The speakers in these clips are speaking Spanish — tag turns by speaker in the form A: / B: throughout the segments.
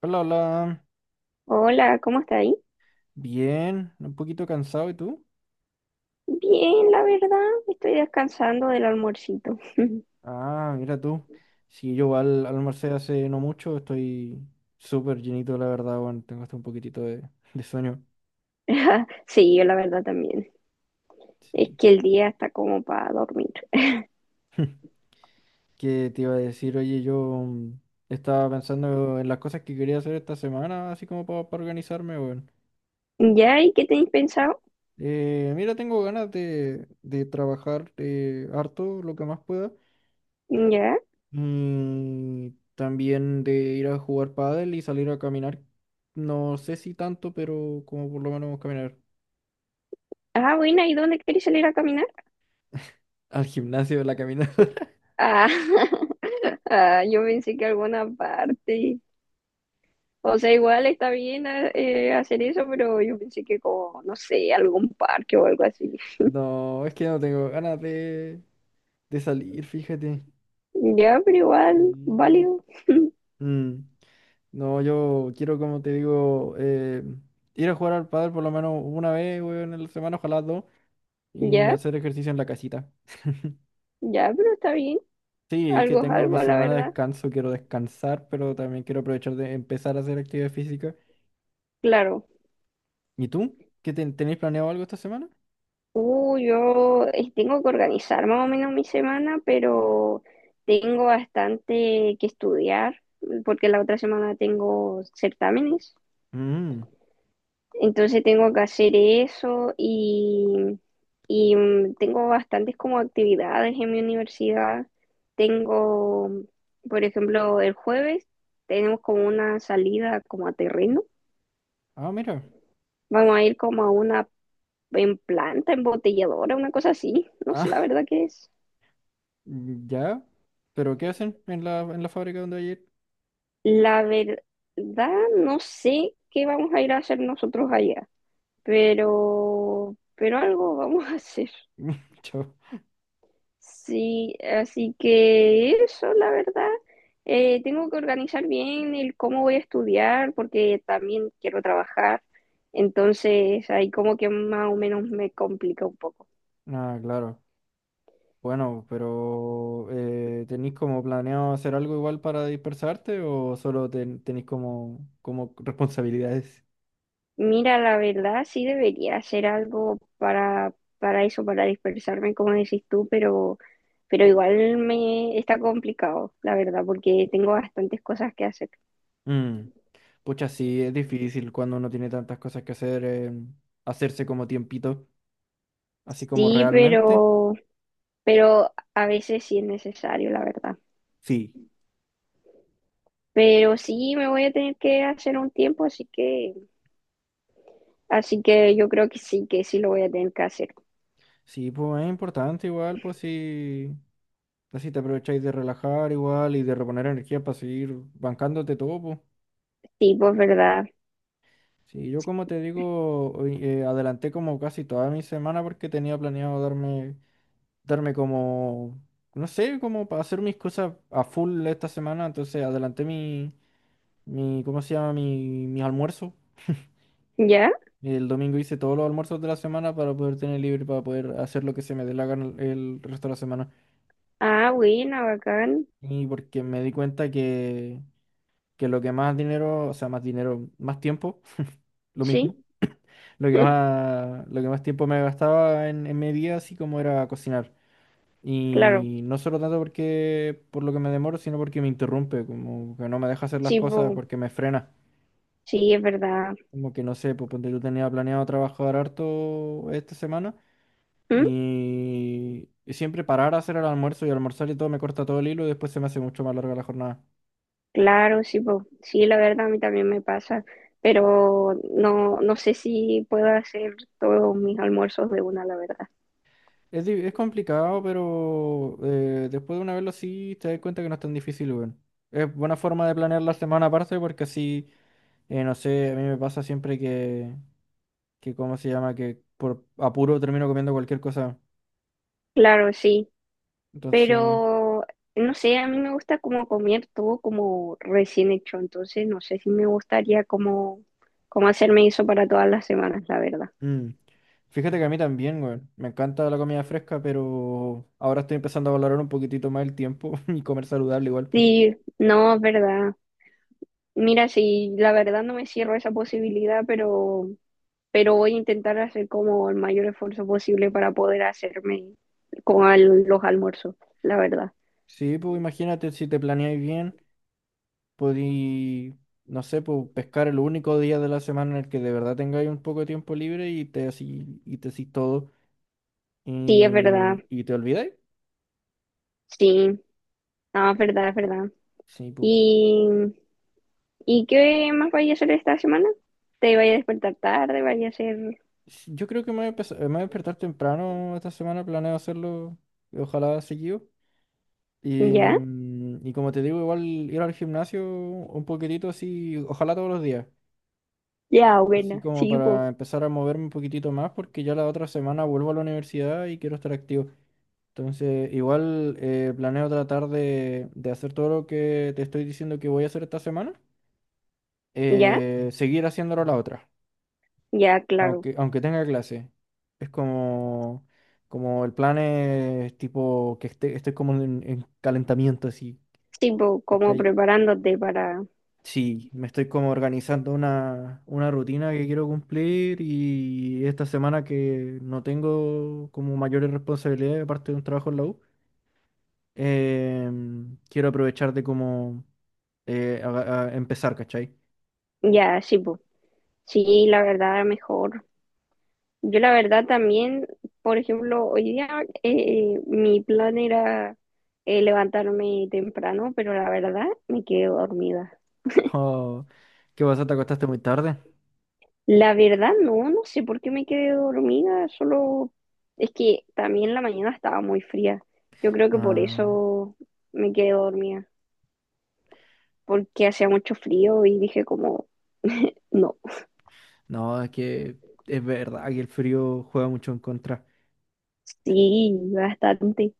A: Hola, hola.
B: Hola, ¿cómo está ahí?
A: Bien, un poquito cansado, ¿y tú?
B: Bien, la verdad, estoy descansando del almuercito.
A: Ah, mira tú. Sí, yo al almorcé hace no mucho, estoy súper llenito, la verdad, bueno, tengo hasta un poquitito de sueño.
B: Sí, yo la verdad también. Es
A: Sí.
B: que el día está como para dormir.
A: ¿Qué te iba a decir? Oye, yo mm, estaba pensando en las cosas que quería hacer esta semana, así como para, organizarme, bueno.
B: ¿Ya? ¿Y qué tenéis pensado?
A: Mira, tengo ganas de trabajar harto, lo que más pueda.
B: ¿Ya?
A: Mm, también de ir a jugar pádel y salir a caminar. No sé si tanto, pero como por lo menos caminar
B: Ah, buena, ¿y dónde queréis salir a caminar?
A: al gimnasio, la caminata.
B: Ah, ah, yo pensé que alguna parte. O sea, igual está bien hacer eso, pero yo pensé que como, no sé, algún parque o algo así.
A: No, es que no tengo ganas de salir, fíjate.
B: Ya, pero igual,
A: Mm.
B: válido.
A: Mm, No, yo quiero, como te digo, ir a jugar al pádel por lo menos una vez, weón, en la semana, ojalá dos, y
B: Ya,
A: hacer ejercicio en la casita.
B: ya, pero está bien.
A: Sí, es que
B: Algo es
A: tengo
B: algo,
A: mi
B: la
A: semana de
B: verdad.
A: descanso, quiero descansar, pero también quiero aprovechar de empezar a hacer actividad física.
B: Claro.
A: ¿Y tú? ¿Qué tenéis planeado algo esta semana?
B: Yo tengo que organizar más o menos mi semana, pero tengo bastante que estudiar porque la otra semana tengo certámenes.
A: Mm.
B: Entonces tengo que hacer eso y, tengo bastantes como actividades en mi universidad. Tengo, por ejemplo, el jueves tenemos como una salida como a terreno.
A: Ah, mira.
B: Vamos a ir como a una en planta embotelladora, una cosa así. No sé la
A: Ah,
B: verdad que es.
A: ya. ¿Pero qué hacen en la fábrica donde ayer?
B: La verdad, no sé qué vamos a ir a hacer nosotros allá, pero algo vamos a hacer.
A: Chao.
B: Sí, así que eso, la verdad. Tengo que organizar bien el cómo voy a estudiar, porque también quiero trabajar. Entonces, ahí como que más o menos me complica un poco.
A: Ah, claro. Bueno, pero ¿tenéis como planeado hacer algo igual para dispersarte o solo tenéis como, como responsabilidades?
B: Mira, la verdad, sí debería hacer algo para eso, para dispersarme, como decís tú, pero igual me está complicado, la verdad, porque tengo bastantes cosas que hacer.
A: Mm. Pucha, sí, es difícil cuando uno tiene tantas cosas que hacer, hacerse como tiempito, así como
B: Sí,
A: realmente.
B: pero a veces sí es necesario, la verdad.
A: Sí.
B: Pero sí me voy a tener que hacer un tiempo, así que yo creo que sí lo voy a tener que hacer.
A: Sí, pues es importante igual, pues si, así te aprovecháis de relajar igual y de reponer energía para seguir bancándote todo, pues.
B: Sí, pues verdad.
A: Sí, yo como te digo, hoy, adelanté como casi toda mi semana porque tenía planeado darme como, no sé, como para hacer mis cosas a full esta semana, entonces adelanté mi, mi, ¿cómo se llama? Mi almuerzo.
B: ¿Ya?
A: El domingo hice todos los almuerzos de la semana para poder tener libre, para poder hacer lo que se me dé la gana el resto de la semana.
B: Ah, buena, bacán.
A: Y porque me di cuenta que lo que más dinero, o sea, más dinero, más tiempo, lo mismo,
B: Sí,
A: lo que más tiempo me gastaba en mi día, así como era cocinar.
B: claro.
A: Y no solo tanto porque por lo que me demoro, sino porque me interrumpe, como que no me deja hacer las
B: Sí,
A: cosas
B: pues.
A: porque me frena.
B: Sí, es verdad.
A: Como que no sé, pues ponte tú tenía planeado trabajar harto esta semana
B: ¿Mm?
A: y siempre parar a hacer el almuerzo y almorzar y todo me corta todo el hilo y después se me hace mucho más larga la jornada.
B: Claro, sí, po. Sí, la verdad a mí también me pasa, pero no, no sé si puedo hacer todos mis almuerzos de una, la verdad.
A: Es, es complicado, pero después de una vez lo sí, te das cuenta que no es tan difícil, weón. Es buena forma de planear la semana aparte porque así, no sé, a mí me pasa siempre que, ¿cómo se llama? Que por apuro termino comiendo cualquier cosa.
B: Claro, sí,
A: Entonces,
B: pero no sé, a mí me gusta como comer todo como recién hecho, entonces no sé si me gustaría como, como hacerme eso para todas las semanas, la verdad.
A: mm. Fíjate que a mí también, weón. Me encanta la comida fresca, pero ahora estoy empezando a valorar un poquitito más el tiempo y comer saludable igual, pues.
B: Sí, no, es verdad. Mira, sí, la verdad no me cierro esa posibilidad, pero voy a intentar hacer como el mayor esfuerzo posible para poder hacerme con al- los almuerzos, la verdad.
A: Sí, pues imagínate si te planeáis bien. Podí, no sé, pues, pescar el único día de la semana en el que de verdad tengáis un poco de tiempo libre y te así, te hacís todo
B: Sí, es verdad,
A: y te olvidáis.
B: sí, no, es verdad, es verdad.
A: Sí, pues,
B: ¿Y, y qué más vaya a hacer esta semana? ¿Te vaya a despertar tarde? ¿Vaya a hacer
A: sí, yo creo que me voy a me voy a despertar temprano esta semana, planeo hacerlo, ojalá seguido. Y,
B: ya?
A: y como te digo, igual ir al gimnasio un poquitito así, ojalá todos los días.
B: Ya,
A: Así
B: buena,
A: como
B: sí,
A: para
B: po.
A: empezar a moverme un poquitito más, porque ya la otra semana vuelvo a la universidad y quiero estar activo. Entonces, igual planeo tratar de hacer todo lo que te estoy diciendo que voy a hacer esta semana,
B: ¿Ya?
A: seguir haciéndolo la otra,
B: Ya, claro.
A: aunque tenga clase. Es como, como el plan es tipo estoy como en calentamiento, así,
B: Sí, po, como
A: ¿cachai?
B: preparándote para.
A: Sí, me estoy como organizando una rutina que quiero cumplir y esta semana que no tengo como mayores responsabilidades aparte de un trabajo en la U, em, quiero aprovechar de como a empezar, ¿cachai?
B: Ya, sí, po. Sí, la verdad, mejor. Yo la verdad también, por ejemplo, hoy día mi plan era levantarme temprano, pero la verdad me quedé dormida.
A: No, ¿qué pasa? ¿Te acostaste muy tarde?
B: La verdad no, no sé por qué me quedé dormida, solo es que también la mañana estaba muy fría. Yo creo que por
A: Ah,
B: eso me quedé dormida, porque hacía mucho frío y dije como, no,
A: no, es que es verdad que el frío juega mucho en contra.
B: sí, bastante.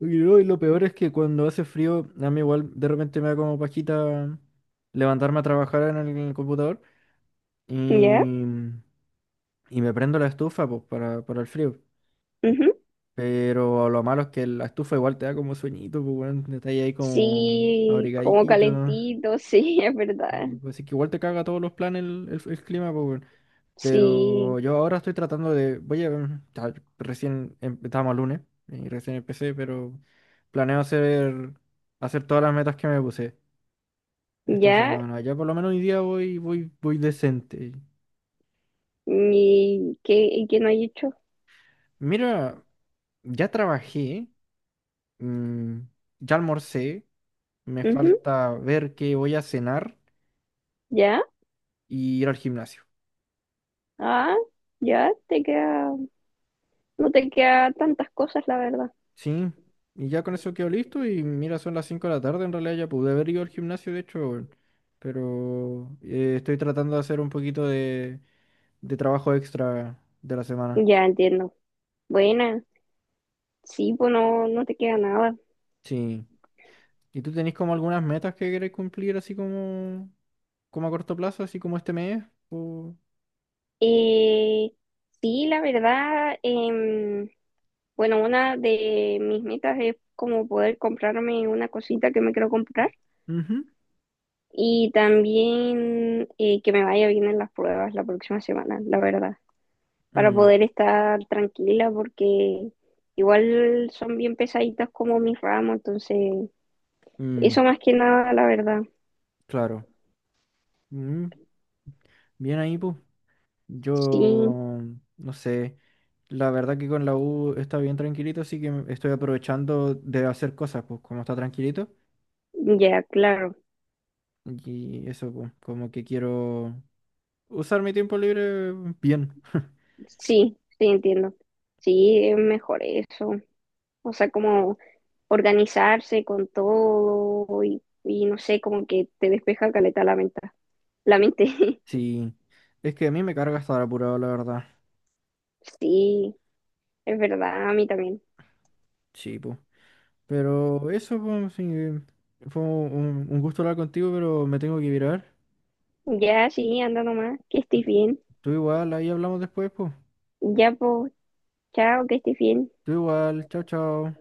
A: Y lo peor es que cuando hace frío, a mí igual de repente me da como pajita levantarme a trabajar en el computador
B: ¿Ya?
A: y, y me prendo la estufa pues, para el frío.
B: Ujú.
A: Pero lo malo es que la estufa igual te da como sueñito, pues bueno, te estás ahí como
B: Sí, como
A: abrigadito.
B: calentito, sí, es verdad.
A: Y pues es que igual te caga todos los planes el, el clima, pues.
B: Sí,
A: Pero yo ahora estoy tratando de, voy a, ya, recién estábamos el lunes y recién empecé, pero planeo hacer todas las metas que me puse esta
B: ya,
A: semana. Ya por lo menos hoy día voy, voy, voy decente.
B: y que no hay hecho.
A: Mira, ya trabajé, mm, ya almorcé, me
B: Ujú,
A: falta ver qué voy a cenar
B: ya,
A: y ir al gimnasio.
B: ah, ya, te queda, no te queda tantas cosas, la verdad.
A: Sí, y ya con eso quedó listo y mira, son las 5 de la tarde, en realidad ya pude haber ido al gimnasio, de hecho, weón. Pero estoy tratando de hacer un poquito de trabajo extra de la semana.
B: Ya entiendo. Buena, sí, pues no, no te queda nada.
A: Sí, ¿y tú tenés como algunas metas que querés cumplir así como, como a corto plazo, así como este mes? O...
B: Eh, sí, la verdad, bueno, una de mis metas es como poder comprarme una cosita que me quiero comprar
A: Ujú.
B: y también que me vaya bien en las pruebas la próxima semana, la verdad. Para
A: Mm,
B: poder estar tranquila porque igual son bien pesaditas como mis ramos, entonces
A: mm,
B: eso más que nada, la verdad.
A: claro. Mm, bien ahí, pues.
B: Sí,
A: Yo, no sé, la verdad que con la U está bien tranquilito, así que estoy aprovechando de hacer cosas, pues como está tranquilito.
B: ya, claro.
A: Y eso, pues, como que quiero usar mi tiempo libre bien.
B: Sí, sí, entiendo. Sí, es mejor eso. O sea, como organizarse con todo y no sé, como que te despeja caleta la mente. La mente.
A: Sí, es que a mí me carga estar apurado, la verdad.
B: Sí, es verdad, a mí también.
A: Sí, pues. Pero eso, pues, sí, fue un gusto hablar contigo, pero me tengo que virar.
B: Ya, sí, anda nomás, que estés bien.
A: Tú igual, ahí hablamos después, pues.
B: Ya, pues, chao, que estés bien.
A: Tú igual, chao, chao.